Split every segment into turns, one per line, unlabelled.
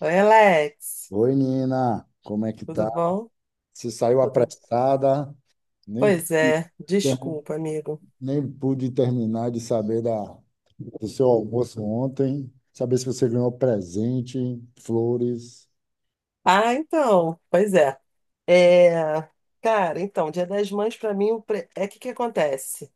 Oi, Alex.
Oi, Nina, como é que
Tudo
tá?
bom?
Você saiu
Tudo.
apressada, nem,
Pois
pude
é,
ter-
desculpa, amigo.
nem pude terminar de saber do seu almoço ontem, saber se você ganhou presente, flores.
Ah, então, pois é. É, cara, então, Dia das Mães pra mim é que acontece?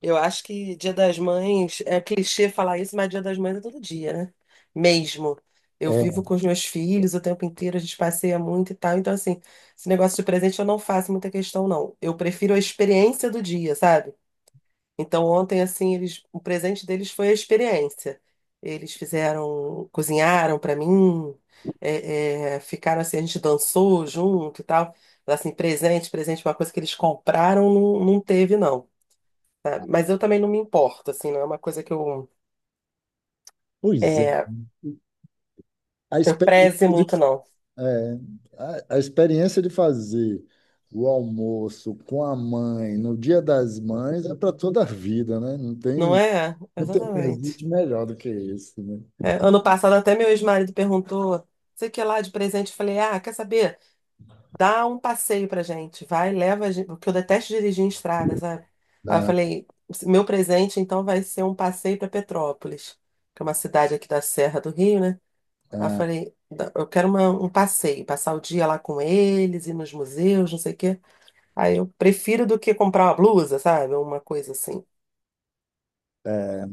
Eu acho que Dia das Mães é clichê falar isso, mas Dia das Mães é todo dia, né? Mesmo. Eu vivo
É,
com os meus filhos o tempo inteiro, a gente passeia muito e tal. Então, assim, esse negócio de presente eu não faço muita questão, não. Eu prefiro a experiência do dia, sabe? Então, ontem, assim, eles, o presente deles foi a experiência. Eles fizeram, cozinharam para mim, ficaram assim, a gente dançou junto e tal. Mas, assim, presente, uma coisa que eles compraram, não, não teve, não, tá? Mas eu também não me importo, assim, não é uma coisa que eu,
pois é,
é,
a
eu preze
experiência de,
muito, não.
é, a experiência de fazer o almoço com a mãe no Dia das Mães é para toda a vida, né?
Não é?
Não tem
Exatamente.
presente melhor do que esse, né?
É, ano passado, até meu ex-marido perguntou, sei o que é lá de presente, eu falei, ah, quer saber? Dá um passeio pra gente, vai, leva a gente, porque eu detesto dirigir em estrada, sabe? Aí eu
Ah,
falei, meu presente então vai ser um passeio pra Petrópolis, que é uma cidade aqui da Serra do Rio, né? Aí eu
ah,
falei, eu quero um passeio, passar o dia lá com eles, ir nos museus, não sei o quê. Aí eu prefiro do que comprar uma blusa, sabe? Uma coisa assim.
é.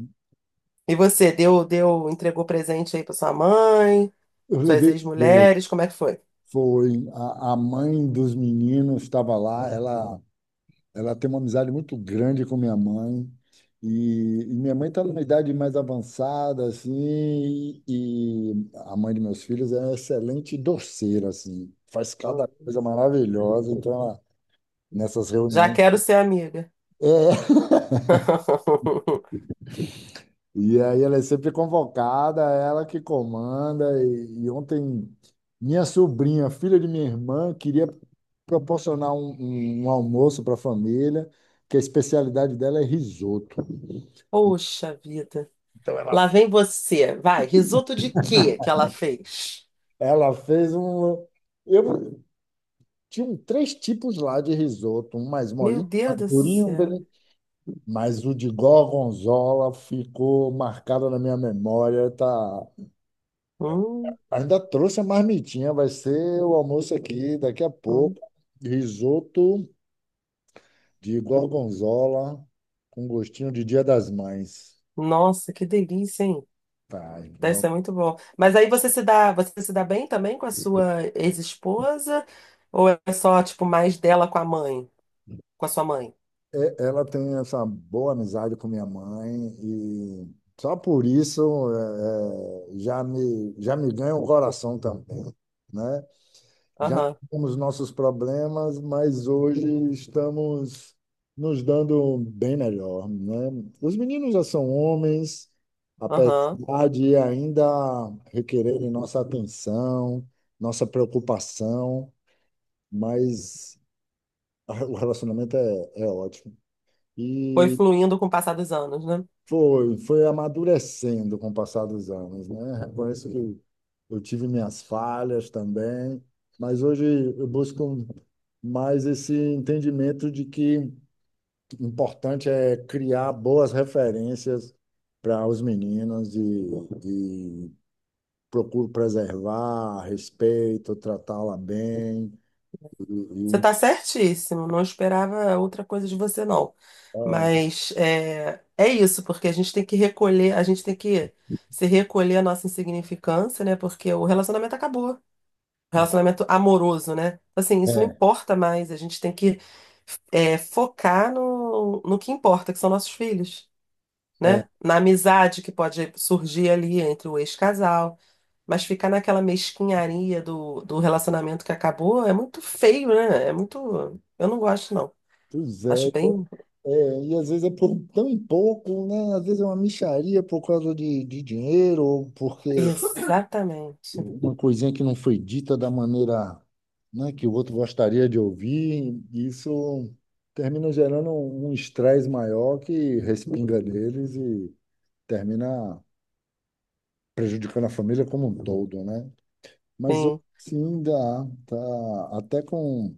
E você, deu, entregou presente aí pra sua mãe,
Eu
suas
levei flores.
ex-mulheres, como é que foi?
Foi a mãe dos meninos estava lá. Ela tem uma amizade muito grande com minha mãe. E minha mãe está numa idade mais avançada, assim, e a mãe de meus filhos é uma excelente doceira, assim, faz cada coisa maravilhosa. Então, ela, nessas
Já
reuniões.
quero ser amiga.
É, e aí ela é sempre convocada, ela que comanda. E ontem, minha sobrinha, filha de minha irmã, queria proporcionar um, um almoço para a família, que a especialidade dela é risoto.
Poxa vida.
Então ela,
Lá vem você. Vai, risoto de quê que ela fez?
ela fez um. Eu tinha três tipos lá de risoto, um mais
Meu
molinho, um
Deus
mais
do
durinho,
céu.
mas o de gorgonzola ficou marcado na minha memória, tá?
Hum,
Ainda trouxe a marmitinha, vai ser o almoço aqui daqui a
hum.
pouco. Risoto de gorgonzola com gostinho de Dia das Mães.
Nossa, que delícia, hein?
Tá,
Deve
então
ser muito bom. Mas aí você se dá bem também com a sua ex-esposa? Ou é só, tipo, mais dela com a mãe? Com a sua mãe.
é, ela tem essa boa amizade com minha mãe e só por isso é, é, já me ganha o coração também, né? Já
Aham,
tivemos nossos problemas, mas hoje estamos nos dando bem melhor, né? Os meninos já são homens,
aham.
apesar de ainda requererem nossa atenção, nossa preocupação, mas o relacionamento é ótimo.
Foi
E
fluindo com o passar dos anos, né?
foi, foi amadurecendo com o passar dos anos, né? Reconheço que eu tive minhas falhas também, mas hoje eu busco mais esse entendimento de que o importante é criar boas referências para os meninos e procuro preservar, respeito, tratá-la bem. E,
Você
e,
tá certíssimo, não esperava outra coisa de você, não. Mas é, é isso, porque a gente tem que se recolher a nossa insignificância, né? Porque o relacionamento acabou. Relacionamento amoroso, né? Então, assim, isso não importa mais. A gente tem que é, focar no que importa, que são nossos filhos,
é, é,
né? Na amizade que pode surgir ali entre o ex-casal. Mas ficar naquela mesquinharia do relacionamento que acabou é muito feio, né? É muito. Eu não gosto, não.
pois é,
Acho bem.
é, e às vezes é por tão pouco, né? Às vezes é uma mixaria por causa de dinheiro, ou porque
Exatamente.
uma coisinha que não foi dita da maneira, né, que o outro gostaria de ouvir. Isso termina gerando um estresse maior que respinga deles e termina prejudicando a família como um todo, né? Mas eu
Sim.
sim dá, tá, até com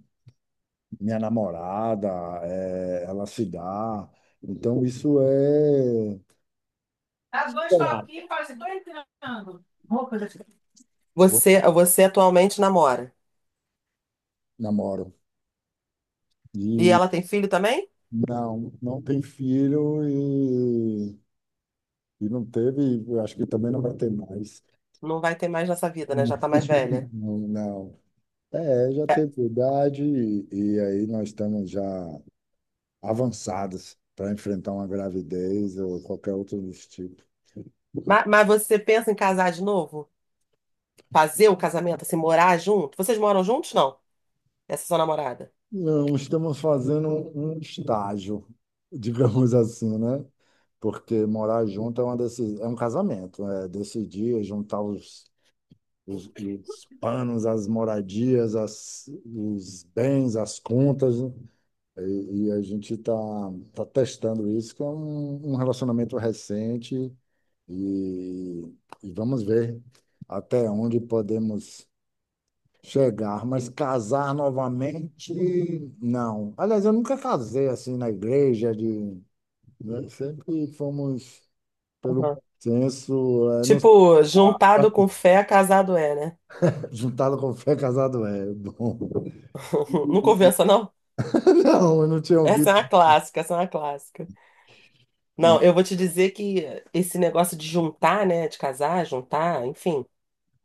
minha namorada, é, ela se dá. Então isso é
Dá dois toquinhos, fala assim, tô entrando. Roupa da
eu
Você atualmente namora.
namoro.
E
E
ela tem filho também?
não, não tem filho e não teve, eu acho que também não vai ter mais.
Não vai ter mais nessa vida, né? Já tá mais velha.
Não, não. É, já
É.
tem idade e aí nós estamos já avançados para enfrentar uma gravidez ou qualquer outro desse tipo.
Mas, você pensa em casar de novo? Fazer o casamento, assim, morar junto? Vocês moram juntos, não? Essa é sua namorada?
Não, estamos fazendo um estágio, digamos assim, né? Porque morar junto é uma decisão, é um casamento, é decidir é juntar os panos, as moradias, os bens, as contas, né? E a gente está tá testando isso, que é um, um relacionamento recente, e, e vamos ver até onde podemos chegar, mas casar novamente, não. Aliás, eu nunca casei assim na igreja, de, né? Sempre fomos pelo
Aham.
senso eh, não
Tipo, juntado com fé, casado é, né?
juntado com fé, casado é bom.
Não convença, não?
Não, eu não tinha
Essa
ouvido
é uma clássica, essa é uma clássica. Não, eu vou te dizer que esse negócio de juntar, né, de casar, juntar, enfim,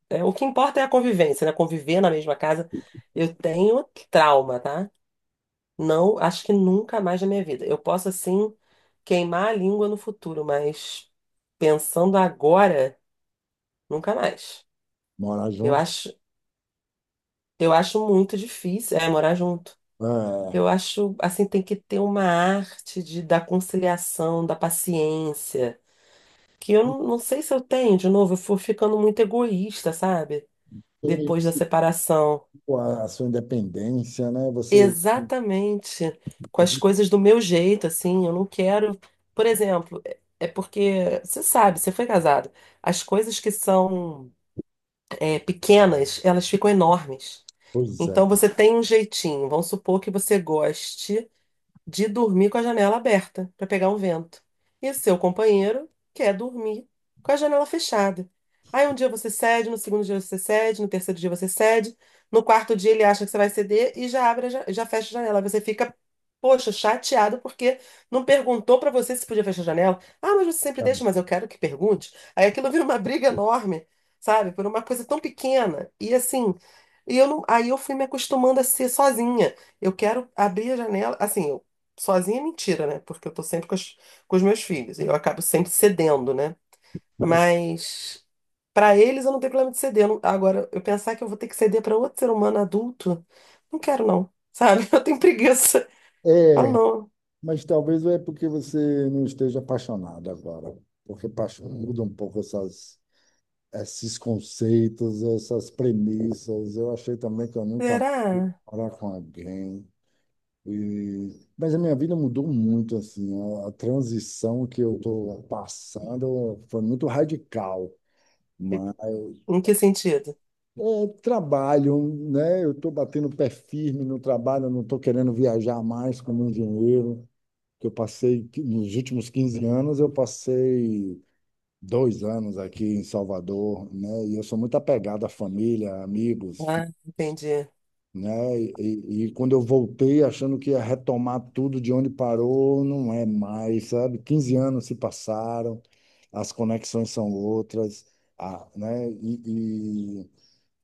é, o que importa é a convivência, né? Conviver na mesma casa. Eu tenho trauma, tá? Não, acho que nunca mais na minha vida. Eu posso assim queimar a língua no futuro, mas pensando agora, nunca mais.
morar
Eu
junto.
acho, eu acho muito difícil, é, morar junto.
É,
Eu acho assim tem que ter uma arte de da conciliação, da paciência, que eu não sei se eu tenho, de novo, eu fui ficando muito egoísta, sabe?
ter
Depois da
esse-
separação.
a sua independência, né? Você.
Exatamente. Com as coisas do meu jeito, assim, eu não quero. Por exemplo, é porque, você sabe, você foi casado. As coisas que são é, pequenas, elas ficam enormes.
Pois é.
Então você tem um jeitinho. Vamos supor que você goste de dormir com a janela aberta para pegar um vento. E seu companheiro quer dormir com a janela fechada. Aí um dia você cede, no segundo dia você cede, no terceiro dia você cede, no quarto dia ele acha que você vai ceder e já abre, fecha a janela. Você fica, poxa, chateado porque não perguntou para você se podia fechar a janela. Ah, mas você sempre deixa, mas eu quero que pergunte. Aí aquilo vira uma briga enorme, sabe? Por uma coisa tão pequena. E assim, e eu não, aí eu fui me acostumando a ser sozinha. Eu quero abrir a janela, assim. Sozinha é mentira, né? Porque eu tô sempre com os meus filhos e eu acabo sempre cedendo, né? Mas pra eles eu não tenho problema de ceder. Eu não- Agora, eu pensar que eu vou ter que ceder pra outro ser humano adulto, não quero não, sabe? Eu tenho preguiça. Falo,
É,
não.
mas talvez é porque você não esteja apaixonado agora. Porque paixão muda um pouco essas, esses conceitos, essas premissas. Eu achei também que eu nunca
Será?
ia morar com alguém. E... Mas a minha vida mudou muito, assim. A transição que eu estou passando foi muito radical.
E
Mas
em
é
que sentido?
trabalho, né? Eu estou batendo o pé firme no trabalho, eu não estou querendo viajar mais como engenheiro, que eu passei, que nos últimos 15 anos, eu passei 2 anos aqui em Salvador, né? E eu sou muito apegado à família, amigos,
Ah,
fi-
entendi.
né? E quando eu voltei achando que ia retomar tudo de onde parou, não é mais, sabe? 15 anos se passaram, as conexões são outras, a, né?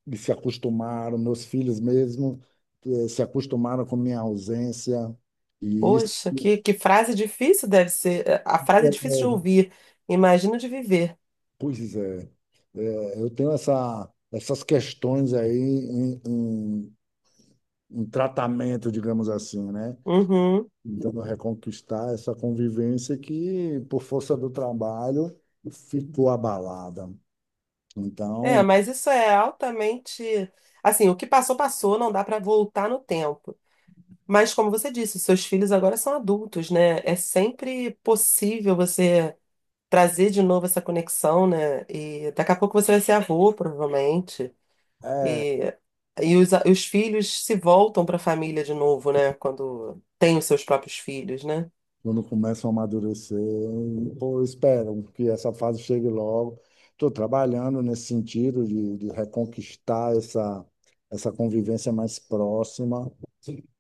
E se acostumaram, meus filhos mesmo, eh, se acostumaram com minha ausência. E isso,
Poxa, que frase difícil deve ser. A frase é difícil de ouvir. Imagino de viver.
pois é, é, eu tenho essa, essas questões aí em, em, em tratamento, digamos assim, né?
Uhum.
Tentando reconquistar essa convivência que, por força do trabalho, ficou abalada.
É,
Então,
mas isso é altamente. Assim, o que passou, passou, não dá para voltar no tempo. Mas, como você disse, seus filhos agora são adultos, né? É sempre possível você trazer de novo essa conexão, né? E daqui a pouco você vai ser avô, provavelmente.
é,
E, e os filhos se voltam para a família de novo, né? Quando têm os seus próprios filhos, né?
quando começam a amadurecer, pô, esperam que essa fase chegue logo. Estou trabalhando nesse sentido de reconquistar essa, essa convivência mais próxima,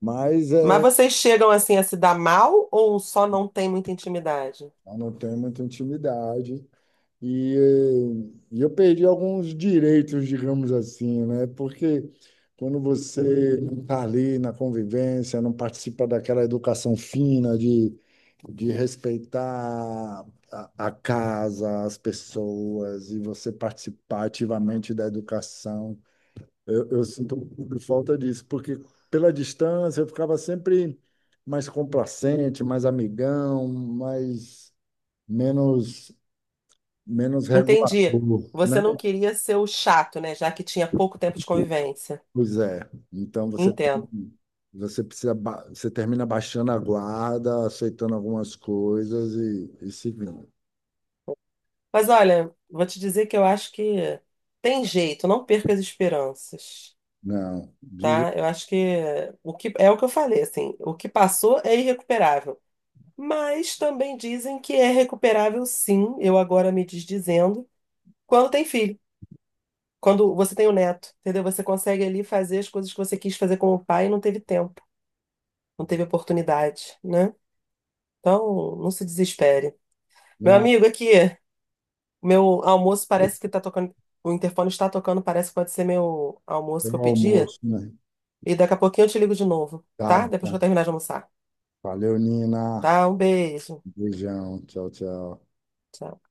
mas
Mas
é,
vocês chegam assim a se dar mal ou só não tem muita intimidade?
eu não tenho muita intimidade. E, eh, eu perdi alguns direitos, digamos assim, né? Porque quando você não está ali na convivência, não participa daquela educação fina de respeitar a casa, as pessoas, e você participar ativamente da educação, eu sinto um pouco de falta disso, porque pela distância eu ficava sempre mais complacente, mais amigão, mais menos menos
Entendi.
regulador,
Você não
né?
queria ser o chato, né? Já que tinha pouco tempo de convivência.
Pois é. Então você
Entendo.
tem- você precisa ba- você termina baixando a guarda, aceitando algumas coisas e seguindo.
Mas olha, vou te dizer que eu acho que tem jeito, não perca as esperanças,
Não, de, je-
tá? Eu acho que o que eu falei, assim, o que passou é irrecuperável. Mas também dizem que é recuperável, sim. Eu agora me desdizendo quando tem filho, quando você tem o neto, entendeu? Você consegue ali fazer as coisas que você quis fazer com o pai e não teve tempo, não teve oportunidade, né? Então, não se desespere. Meu
não,
amigo, aqui, meu almoço parece que tá tocando, o interfone está tocando, parece que pode ser meu almoço
tem
que eu
um
pedi.
almoço, né?
E daqui a pouquinho eu te ligo de novo,
Tá
tá? Depois que
bom.
eu terminar de almoçar.
Valeu, Nina.
Tá? Um beijo.
Beijão. Tchau, tchau.
Tchau.